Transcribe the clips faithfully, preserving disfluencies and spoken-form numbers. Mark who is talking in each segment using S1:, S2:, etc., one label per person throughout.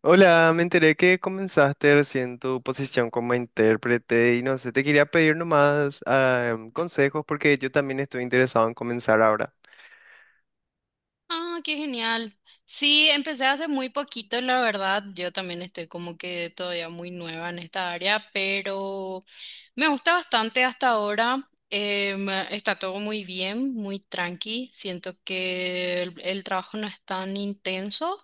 S1: Hola, me enteré que comenzaste recién tu posición como intérprete y no sé, te quería pedir nomás ah, em, consejos porque yo también estoy interesado en comenzar ahora.
S2: Ah, qué genial. Sí, empecé hace muy poquito, la verdad. Yo también estoy como que todavía muy nueva en esta área, pero me gusta bastante hasta ahora. Em, está todo muy bien, muy tranqui. Siento que el, el trabajo no es tan intenso,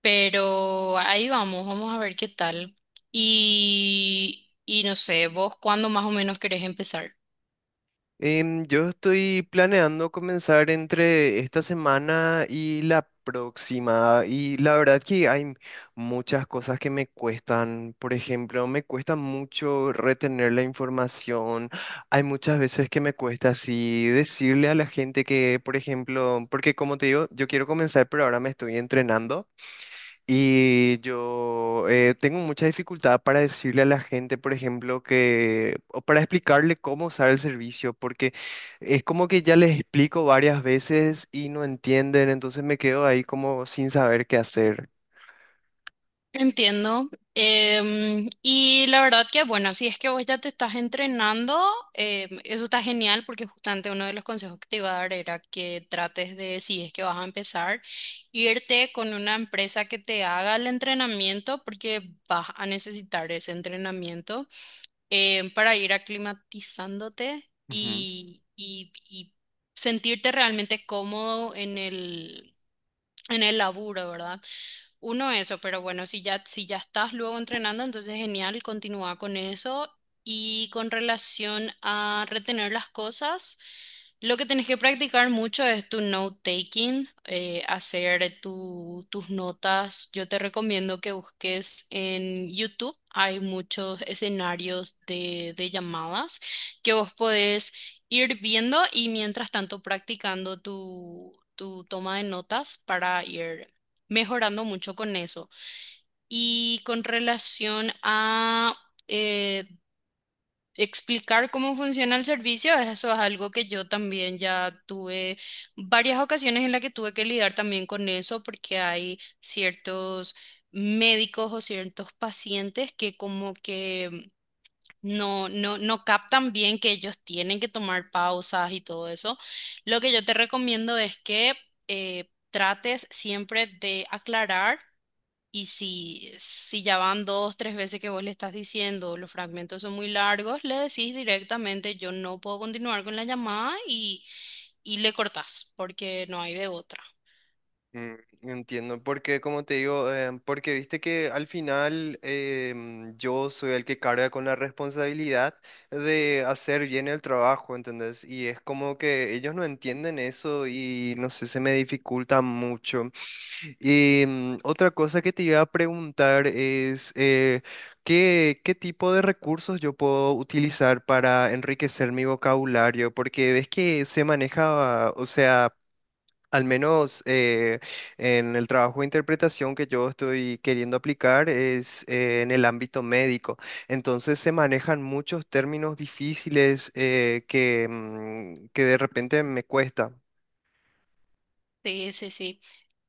S2: pero ahí vamos, vamos a ver qué tal. Y, y no sé, ¿vos cuándo más o menos querés empezar?
S1: Em, yo estoy planeando comenzar entre esta semana y la próxima y la verdad que hay muchas cosas que me cuestan. Por ejemplo, me cuesta mucho retener la información. Hay muchas veces que me cuesta así decirle a la gente que, por ejemplo, porque como te digo, yo quiero comenzar, pero ahora me estoy entrenando. Y yo eh, tengo mucha dificultad para decirle a la gente, por ejemplo, que, o para explicarle cómo usar el servicio, porque es como que ya les explico varias veces y no entienden, entonces me quedo ahí como sin saber qué hacer.
S2: Entiendo. Em, y la verdad que, bueno, si es que vos ya te estás entrenando, em, eso está genial porque justamente uno de los consejos que te iba a dar era que trates de, si es que vas a empezar, irte con una empresa que te haga el entrenamiento porque vas a necesitar ese entrenamiento, em, para ir aclimatizándote y, y, y sentirte realmente cómodo en el, en el laburo, ¿verdad? Uno eso, pero bueno, si ya, si ya estás luego entrenando, entonces genial, continúa con eso. Y con relación a retener las cosas. Lo que tenés que practicar mucho es tu note-taking, eh, hacer tu- tus notas. Yo te recomiendo que busques en YouTube. Hay muchos escenarios de, de llamadas que vos podés ir viendo y mientras tanto practicando tu, tu toma de notas para ir mejorando mucho con eso. Y con relación a eh, explicar cómo funciona el servicio, eso es algo que yo también ya tuve varias ocasiones en las que tuve que lidiar también con eso, porque hay ciertos médicos o ciertos pacientes que como que no, no, no captan bien que ellos tienen que tomar pausas y todo eso. Lo que yo te recomiendo es que eh, trates siempre de aclarar. Y si, si ya van dos, tres veces que vos le estás diciendo, los fragmentos son muy largos, le decís directamente, yo no puedo continuar con la llamada y, y le cortás, porque no hay de otra.
S1: Mm, entiendo, porque como te digo, eh, porque viste que al final em, yo soy el que carga con la responsabilidad de hacer bien el trabajo, ¿entendés? Y es como que ellos no entienden eso y no sé, se me dificulta mucho. Y mm, otra cosa que te iba a preguntar es eh, ¿qué, qué tipo de recursos yo puedo utilizar para enriquecer mi vocabulario? Porque ves que se maneja, o sea... Al menos eh, en el trabajo de interpretación que yo estoy queriendo aplicar es eh, en el ámbito médico. Entonces se manejan muchos términos difíciles eh, que, mm, que de repente me cuesta.
S2: Sí, sí, sí.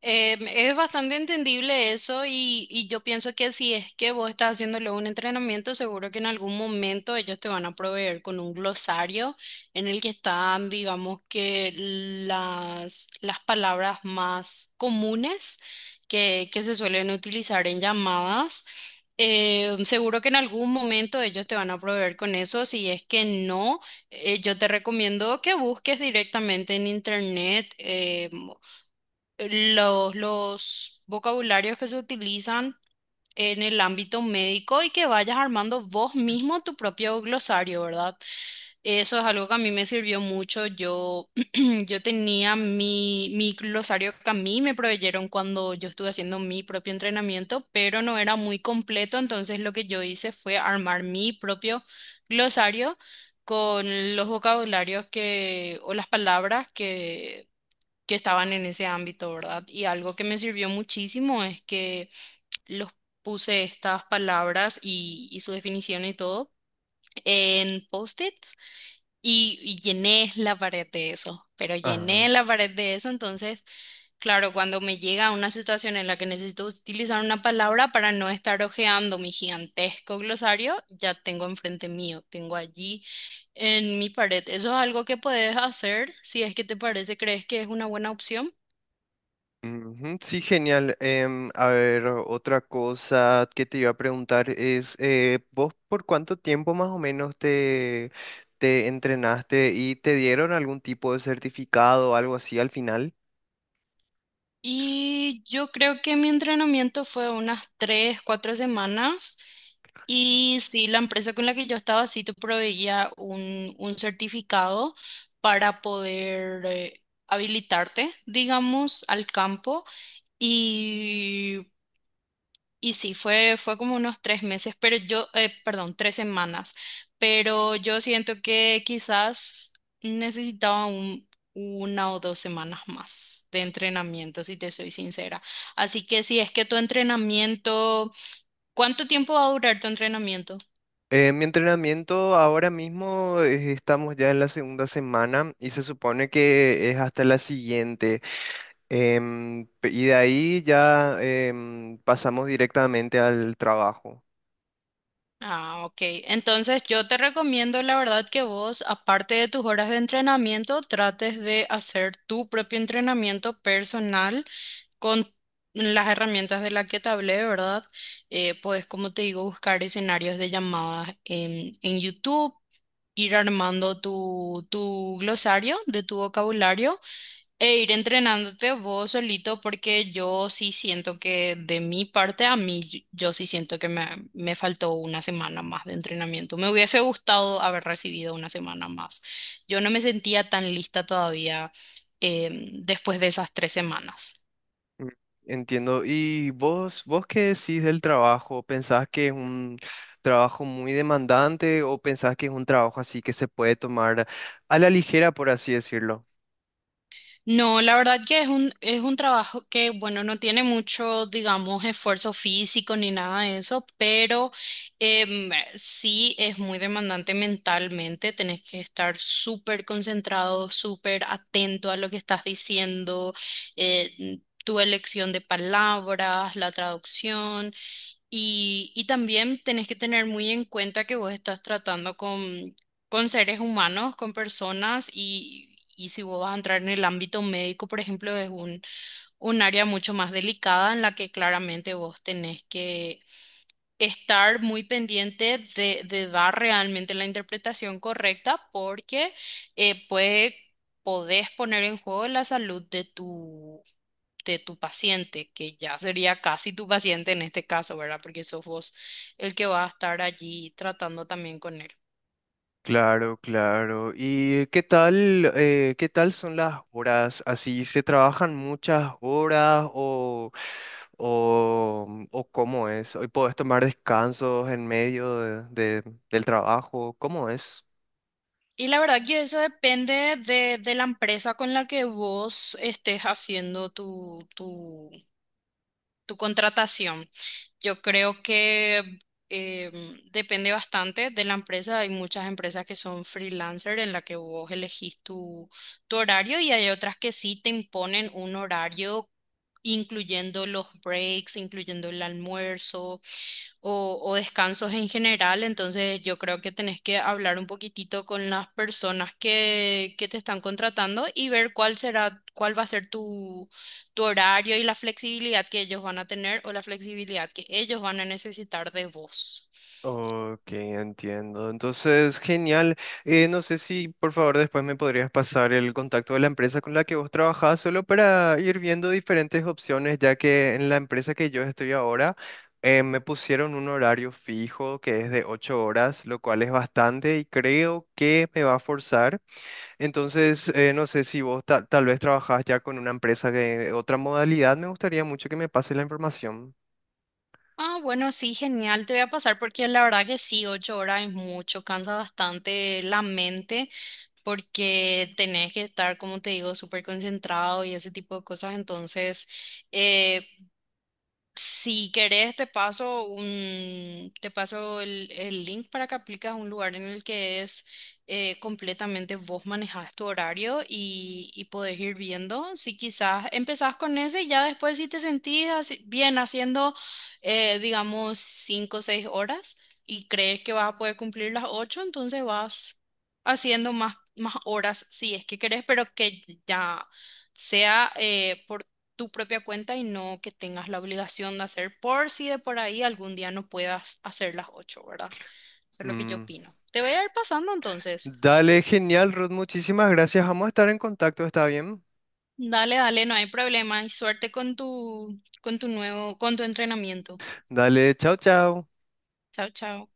S2: Em, es bastante entendible eso, y, y yo pienso que si es que vos estás haciéndole un entrenamiento, seguro que en algún momento ellos te van a proveer con un glosario en el que están, digamos, que las, las palabras más comunes que, que se suelen utilizar en llamadas. Em, seguro que en algún momento ellos te van a proveer con eso. Si es que no, eh, yo te recomiendo que busques directamente en internet. eh, los, los vocabularios que se utilizan en el ámbito médico y que vayas armando vos mismo tu propio glosario, ¿verdad? Eso es algo que a mí me sirvió mucho. Yo, yo tenía mi, mi glosario que a mí me proveyeron cuando yo estuve haciendo mi propio entrenamiento, pero no era muy completo, entonces lo que yo hice fue armar mi propio glosario con los vocabularios que, o las palabras que que estaban en ese ámbito, ¿verdad? Y algo que me sirvió muchísimo es que los puse, estas palabras y, y su definición y todo en post-it, y, y llené la pared de eso, pero
S1: Ajá.
S2: llené la pared de eso, entonces, claro, cuando me llega una situación en la que necesito utilizar una palabra para no estar hojeando mi gigantesco glosario, ya tengo enfrente mío, tengo allí en mi pared. Eso es algo que puedes hacer si es que te parece, crees que es una buena opción.
S1: Ujú, sí, genial. Em, a ver, otra cosa que te iba a preguntar es, eh, ¿vos por cuánto tiempo más o menos te, te entrenaste y te dieron algún tipo de certificado o algo así al final?
S2: Y yo creo que mi entrenamiento fue unas tres, cuatro semanas. Y sí, la empresa con la que yo estaba sí te proveía un, un certificado para poder eh, habilitarte, digamos, al campo. Y y sí, fue, fue como unos tres meses, pero yo, eh, perdón, tres semanas, pero yo siento que quizás necesitaba un, una o dos semanas más de entrenamiento, si te soy sincera. Así que si es que tu entrenamiento, ¿cuánto tiempo va a durar tu entrenamiento?
S1: Eh, mi entrenamiento ahora mismo eh, estamos ya en la segunda semana y se supone que es hasta la siguiente. Em, pe- y de ahí ya em, pasamos directamente al trabajo.
S2: Ah, ok. Entonces yo te recomiendo, la verdad, que vos, aparte de tus horas de entrenamiento, trates de hacer tu propio entrenamiento personal con las herramientas de las que te hablé, ¿verdad? Eh, puedes, como te digo, buscar escenarios de llamadas en, en YouTube, ir armando tu, tu glosario de tu vocabulario e ir entrenándote vos solito, porque yo sí siento que de mi parte, a mí, yo yo sí siento que me, me faltó una semana más de entrenamiento. Me hubiese gustado haber recibido una semana más. Yo no me sentía tan lista todavía, em, después de esas tres semanas.
S1: Mm. Entiendo. ¿Y vos, vos qué decís del trabajo? ¿Pensás que es un trabajo muy demandante o pensás que es un trabajo así que se puede tomar a la ligera, por así decirlo?
S2: No, la verdad que es un, es un trabajo que, bueno, no tiene mucho, digamos, esfuerzo físico ni nada de eso, pero em, sí es muy demandante mentalmente. Tenés que estar súper concentrado, súper atento a lo que estás diciendo, eh, tu elección de palabras, la traducción. Y, y también tenés que tener muy en cuenta que vos estás tratando con, con seres humanos, con personas, y, y si vos vas a entrar en el ámbito médico, por ejemplo, es un, un área mucho más delicada en la que claramente vos tenés que estar muy pendiente de, de dar realmente la interpretación correcta porque eh, puede, podés poner en juego la salud de tu, de tu paciente, que ya sería casi tu paciente en este caso, ¿verdad? Porque sos vos el que va a estar allí tratando también con él.
S1: Claro, claro. ¿Y qué tal, eh, qué tal son las horas? ¿Así se trabajan muchas horas o, o, mm, o cómo es? ¿Hoy puedes tomar descansos en medio de- de- del trabajo? ¿Cómo es?
S2: Y la verdad que eso depende de, de la empresa con la que vos estés haciendo tu tu tu contratación. Yo creo que, em, depende bastante de la empresa. Hay muchas empresas que son freelancer en la que vos elegís tu, tu horario y hay otras que sí te imponen un horario incluyendo los breaks, incluyendo el almuerzo o, o descansos en general, entonces yo creo que tenés que hablar un poquitito con las personas que, que te están contratando y ver cuál será, cuál va a ser tu, tu horario y la flexibilidad que ellos van a tener o la flexibilidad que ellos van a necesitar de vos.
S1: Ok, entiendo. Entonces, genial. Eh, no sé si por favor después me podrías pasar el contacto de la empresa con la que vos trabajás, solo para ir viendo diferentes opciones, ya que en la empresa que yo estoy ahora eh, me pusieron un horario fijo que es de ocho horas, lo cual es bastante y creo que me va a forzar. Entonces, eh, no sé si vos ta- tal vez trabajás ya con una empresa de otra modalidad, me gustaría mucho que me pase la información.
S2: Ah, bueno, sí, genial, te voy a pasar porque la verdad que sí, ocho horas es mucho, cansa bastante la mente porque tenés que estar, como te digo, súper concentrado y ese tipo de cosas, entonces. Si querés, te paso un, te paso el, el link para que apliques a un lugar en el que es eh, completamente vos manejás tu horario y, y podés ir viendo. Si quizás empezás con ese y ya después si te sentís así- bien haciendo, eh, digamos, cinco o seis horas y crees que vas a poder cumplir las ocho, entonces vas haciendo más, más horas si es que querés, pero que ya sea, eh, por tu propia cuenta y no que tengas la obligación de hacer por si de por ahí algún día no puedas hacer las ocho, ¿verdad? Eso es lo que yo opino. Te voy a ir pasando entonces.
S1: Dale, genial, Ruth. Muchísimas gracias. Vamos a estar en contacto, ¿está bien?
S2: Dale, dale, no hay problema y suerte con tu, con tu nuevo, con tu entrenamiento.
S1: Dale, chao, chao.
S2: Chao, chao.